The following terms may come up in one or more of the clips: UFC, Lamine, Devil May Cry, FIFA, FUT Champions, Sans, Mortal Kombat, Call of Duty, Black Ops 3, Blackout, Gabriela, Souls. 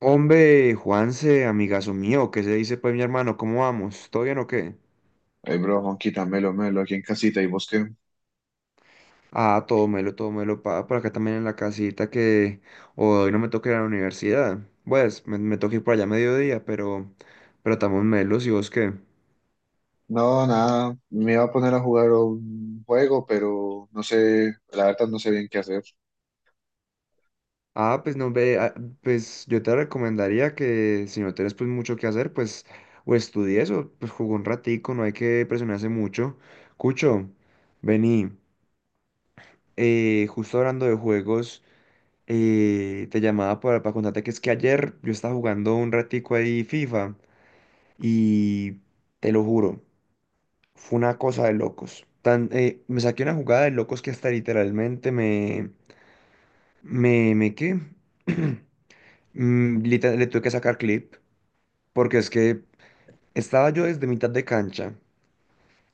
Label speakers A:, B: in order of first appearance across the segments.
A: Hombre, Juanse, amigazo mío, ¿qué se dice pues mi hermano? ¿Cómo vamos? ¿Todo bien o qué?
B: Hey bro, Juanquita, melo, melo, aquí en casita, ¿y vos qué?
A: Ah, todo melo, pa, por acá también en la casita que hoy no me toca ir a la universidad. Pues me toca ir por allá a mediodía, pero estamos melos, ¿y vos qué?
B: No, nada, me iba a poner a jugar un juego, pero no sé, la verdad no sé bien qué hacer.
A: Ah, pues no ve, ah, pues yo te recomendaría que si no tienes pues mucho que hacer, pues o estudies o pues jugó un ratico, no hay que presionarse mucho. Cucho, vení, justo hablando de juegos. Te llamaba para contarte que es que ayer yo estaba jugando un ratico ahí FIFA y te lo juro, fue una cosa de locos. Tan, me saqué una jugada de locos que hasta literalmente me... me qué? Le tuve que sacar clip porque es que estaba yo desde mitad de cancha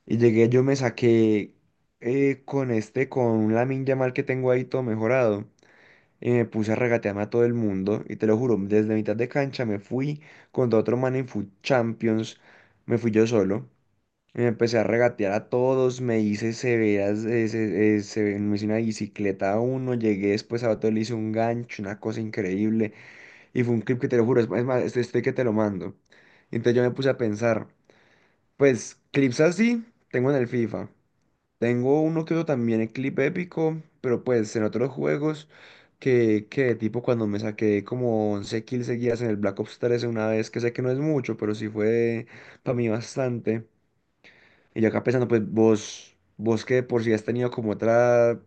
A: y llegué, yo me saqué con este, con la Lamine mal que tengo ahí todo mejorado. Me puse a regatearme a todo el mundo y te lo juro, desde mitad de cancha me fui contra otro man en FUT Champions, me fui yo solo, y me empecé a regatear a todos, me hice severas, me hice una bicicleta a uno, llegué después a otro, le hice un gancho, una cosa increíble, y fue un clip que te lo juro, es más, este estoy que te lo mando. Entonces yo me puse a pensar, pues clips así tengo en el FIFA. Tengo uno que otro también en clip épico, pero pues en otros juegos que tipo cuando me saqué como 11 kills seguidas en el Black Ops 3 una vez, que sé que no es mucho, pero sí fue para mí bastante. Y yo acá pensando, pues vos que de por sí has tenido como otra,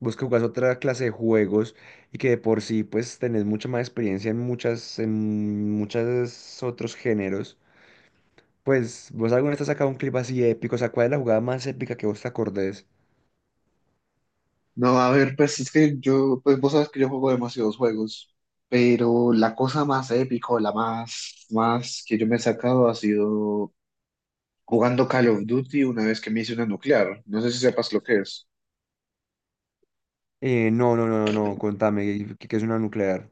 A: vos que jugás otra clase de juegos y que de por sí pues tenés mucha más experiencia en muchas, en muchos otros géneros. Pues vos alguna vez te has sacado un clip así épico, o sea, ¿cuál es la jugada más épica que vos te acordés?
B: No, a ver, pues pues vos sabes que yo juego demasiados juegos, pero la cosa más épico, la más, más que yo me he sacado ha sido jugando Call of Duty una vez que me hice una nuclear. No sé si sepas lo que es.
A: No, no, no, no, no, contame, qué es una nuclear?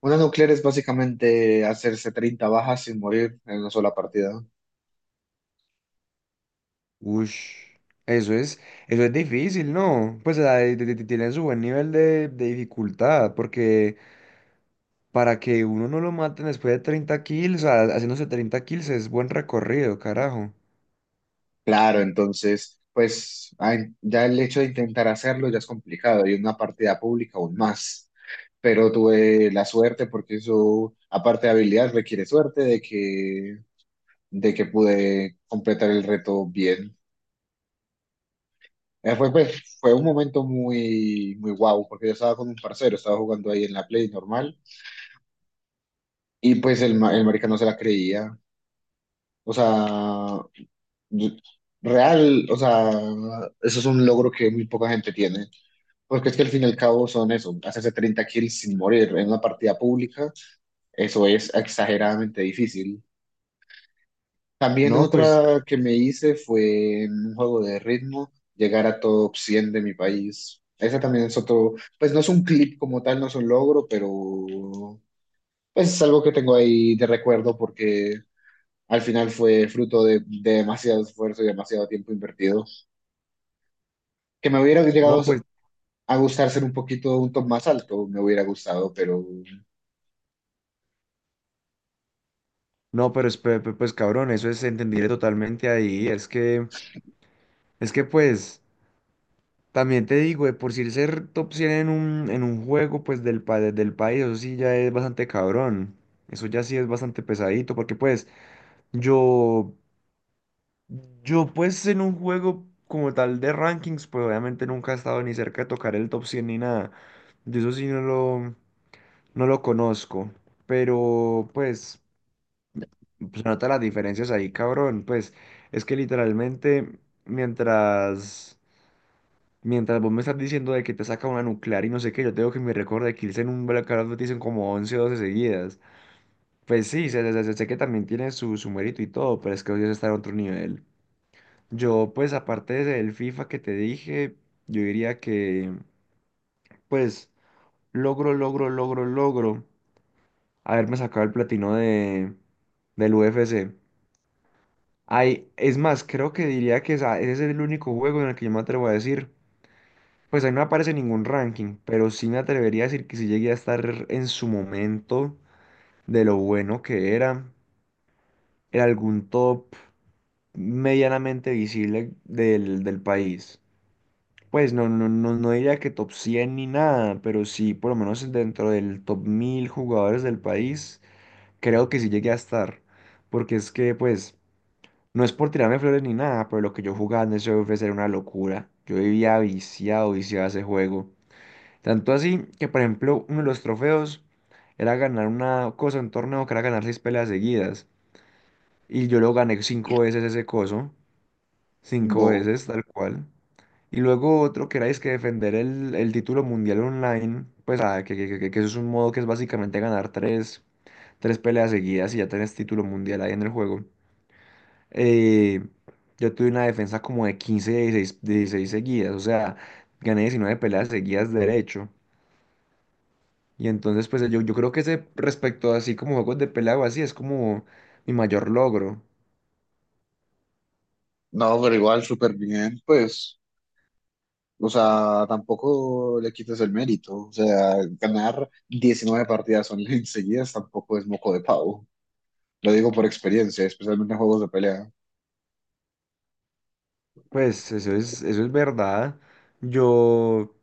B: Una nuclear es básicamente hacerse 30 bajas sin morir en una sola partida.
A: Ush, eso es, eso es difícil, ¿no? Pues o sea, tiene su buen nivel de dificultad, porque para que uno no lo maten después de 30 kills, o sea, haciéndose treinta kills es buen recorrido, carajo.
B: Claro, entonces, pues ay, ya el hecho de intentar hacerlo ya es complicado y una partida pública aún más. Pero tuve la suerte porque eso, aparte de habilidad, requiere suerte de que pude completar el reto bien. Pues, fue un momento muy, muy guau porque yo estaba con un parcero, estaba jugando ahí en la Play normal y pues el marica no se la creía. O sea, yo- real, o sea, eso es un logro que muy poca gente tiene. Porque es que al fin y al cabo son eso, hacerse 30 kills sin morir en una partida pública, eso es exageradamente difícil. También
A: No, pues,
B: otra que me hice fue en un juego de ritmo, llegar a top 100 de mi país. Esa también es otro, pues no es un clip como tal, no es un logro, pero pues es algo que tengo ahí de recuerdo porque al final fue fruto de demasiado esfuerzo y demasiado tiempo invertido. Que me hubiera
A: no,
B: llegado
A: pues,
B: a gustar ser un poquito un top más alto, me hubiera gustado, pero...
A: no, pero es, pues cabrón, eso es entendible totalmente ahí, es que pues... También te digo, de por si ser top 100 en un juego, pues del, del país, eso sí ya es bastante cabrón. Eso ya sí es bastante pesadito, porque pues yo, yo pues en un juego como tal de rankings, pues obviamente nunca he estado ni cerca de tocar el top 100 ni nada. Yo eso sí no lo conozco, pero pues se nota las diferencias ahí, cabrón. Pues es que literalmente mientras... Mientras vos me estás diciendo de que te saca una nuclear y no sé qué, yo tengo que me recuerdo de Kills en un Blackout dicen como 11 o 12 seguidas. Pues sí, sé que también tiene su mérito y todo, pero es que hoy está en otro nivel. Yo, pues, aparte del FIFA que te dije, yo diría que, pues, logro haberme sacado el platino de, del UFC. Ay, es más, creo que diría que ese es el único juego en el que yo me atrevo a decir. Pues ahí no aparece ningún ranking, pero sí me atrevería a decir que si llegué a estar en su momento de lo bueno que era, en algún top medianamente visible del, del país. Pues no, no, no, no diría que top 100 ni nada, pero sí por lo menos dentro del top 1000 jugadores del país, creo que sí llegué a estar. Porque es que, pues, no es por tirarme flores ni nada, pero lo que yo jugaba en ese ofrecer era una locura. Yo vivía viciado, viciado a ese juego. Tanto así que, por ejemplo, uno de los trofeos era ganar una cosa, un torneo que era ganar seis peleas seguidas. Y yo lo gané cinco veces ese coso, cinco
B: Bo.
A: veces, tal cual. Y luego otro que era es que defender el título mundial online, pues ah, que eso es un modo que es básicamente ganar tres peleas seguidas y ya tenés título mundial ahí en el juego. Eh, yo tuve una defensa como de 16 seguidas, o sea, gané 19 peleas seguidas derecho. Y entonces, pues yo creo que ese respecto así como juegos de pelea o así es como mi mayor logro.
B: No, pero igual súper bien, pues, o sea, tampoco le quites el mérito, o sea, ganar 19 partidas online seguidas tampoco es moco de pavo, lo digo por experiencia, especialmente en juegos de pelea.
A: Pues eso es verdad. Yo,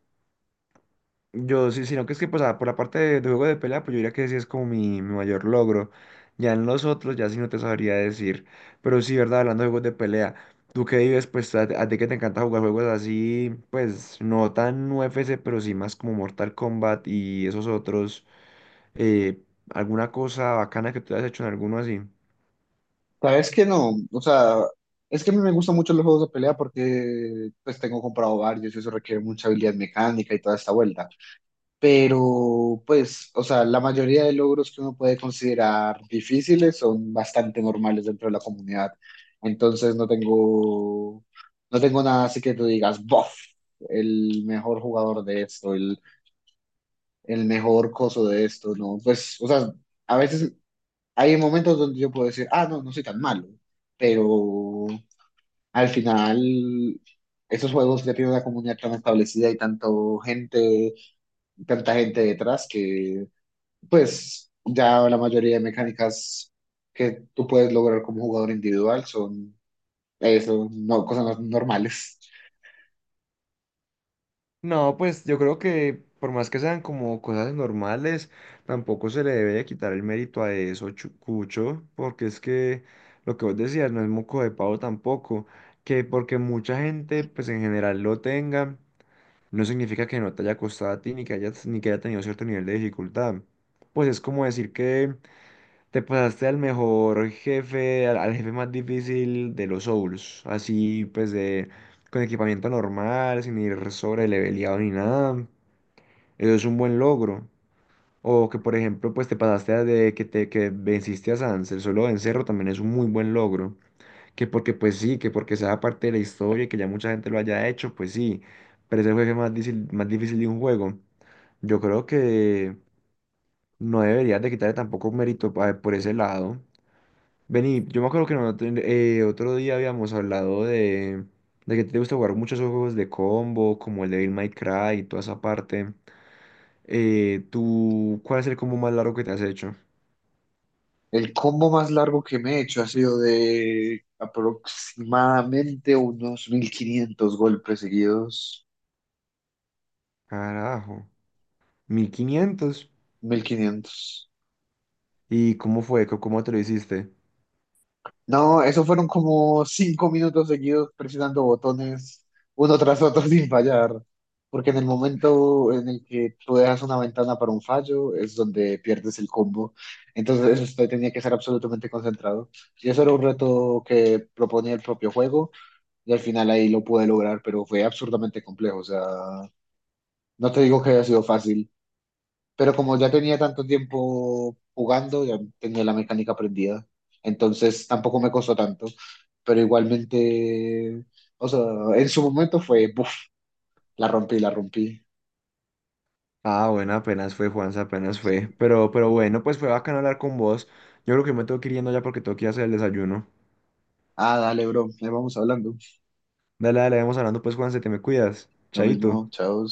A: yo sí, sino que es que pues ah, por la parte de juego de pelea, pues yo diría que sí es como mi mayor logro. Ya en los otros, ya sí no te sabría decir. Pero sí, verdad, hablando de juegos de pelea. Tú que vives, pues a ti que te encanta jugar juegos así, pues no tan UFC, pero sí más como Mortal Kombat y esos otros. eh, ¿Alguna cosa bacana que tú hayas hecho en alguno así?
B: Sabes que no, o sea, es que a mí me gustan mucho los juegos de pelea porque pues tengo comprado varios y eso requiere mucha habilidad mecánica y toda esta vuelta. Pero pues, o sea, la mayoría de logros que uno puede considerar difíciles son bastante normales dentro de la comunidad. Entonces no tengo nada así que tú digas, bof, el mejor jugador de esto, el mejor coso de esto, ¿no? Pues, o sea, a veces hay momentos donde yo puedo decir, ah, no, no soy tan malo, pero al final... Esos juegos ya tienen una comunidad tan establecida y tanto gente, tanta gente detrás que pues ya la mayoría de mecánicas que tú puedes lograr como jugador individual son eso, no, cosas normales.
A: No, pues yo creo que por más que sean como cosas normales, tampoco se le debe de quitar el mérito a eso, Cucho, porque es que lo que vos decías no es moco de pavo tampoco, que porque mucha gente pues en general lo tenga, no significa que no te haya costado a ti ni que hayas, ni que haya tenido cierto nivel de dificultad. Pues es como decir que te pasaste al mejor jefe, al, al jefe más difícil de los Souls. Así pues de con equipamiento normal, sin ir sobre leveleado ni nada. Eso es un buen logro. O que por ejemplo pues te pasaste a de que te que venciste a Sans, el solo vencerlo también es un muy buen logro. Que porque pues sí, que porque sea parte de la historia y que ya mucha gente lo haya hecho, pues sí. Pero es el jefe más difícil de un juego. Yo creo que no deberías de quitarle tampoco mérito por ese lado. Vení, yo me acuerdo que nosotros, otro día habíamos hablado de que te gusta jugar muchos juegos de combo, como el Devil May Cry y toda esa parte. ¿Tú cuál es el combo más largo que te has hecho?
B: El combo más largo que me he hecho ha sido de aproximadamente unos 1.500 golpes seguidos.
A: Carajo, 1500.
B: 1.500.
A: ¿Y cómo fue? Cómo te lo hiciste?
B: No, eso fueron como 5 minutos seguidos presionando botones uno tras otro sin fallar, porque en el momento en el que tú dejas una ventana para un fallo es donde pierdes el combo. Entonces esto tenía que ser absolutamente concentrado. Y eso era un reto que proponía el propio juego y al final ahí lo pude lograr, pero fue absurdamente complejo. O sea, no te digo que haya sido fácil, pero como ya tenía tanto tiempo jugando, ya tenía la mecánica aprendida. Entonces tampoco me costó tanto. Pero igualmente, o sea, en su momento fue, buf, la rompí, la rompí.
A: Ah, bueno, apenas fue, Juanza, apenas fue. Pero bueno, pues fue bacano hablar con vos. Yo creo que me tengo que ir yendo ya porque tengo que ir a hacer el desayuno.
B: Ah, dale, bro, ahí vamos hablando.
A: Dale, dale, vamos hablando pues, Juanza, te me cuidas.
B: Lo
A: Chaito.
B: mismo, chao.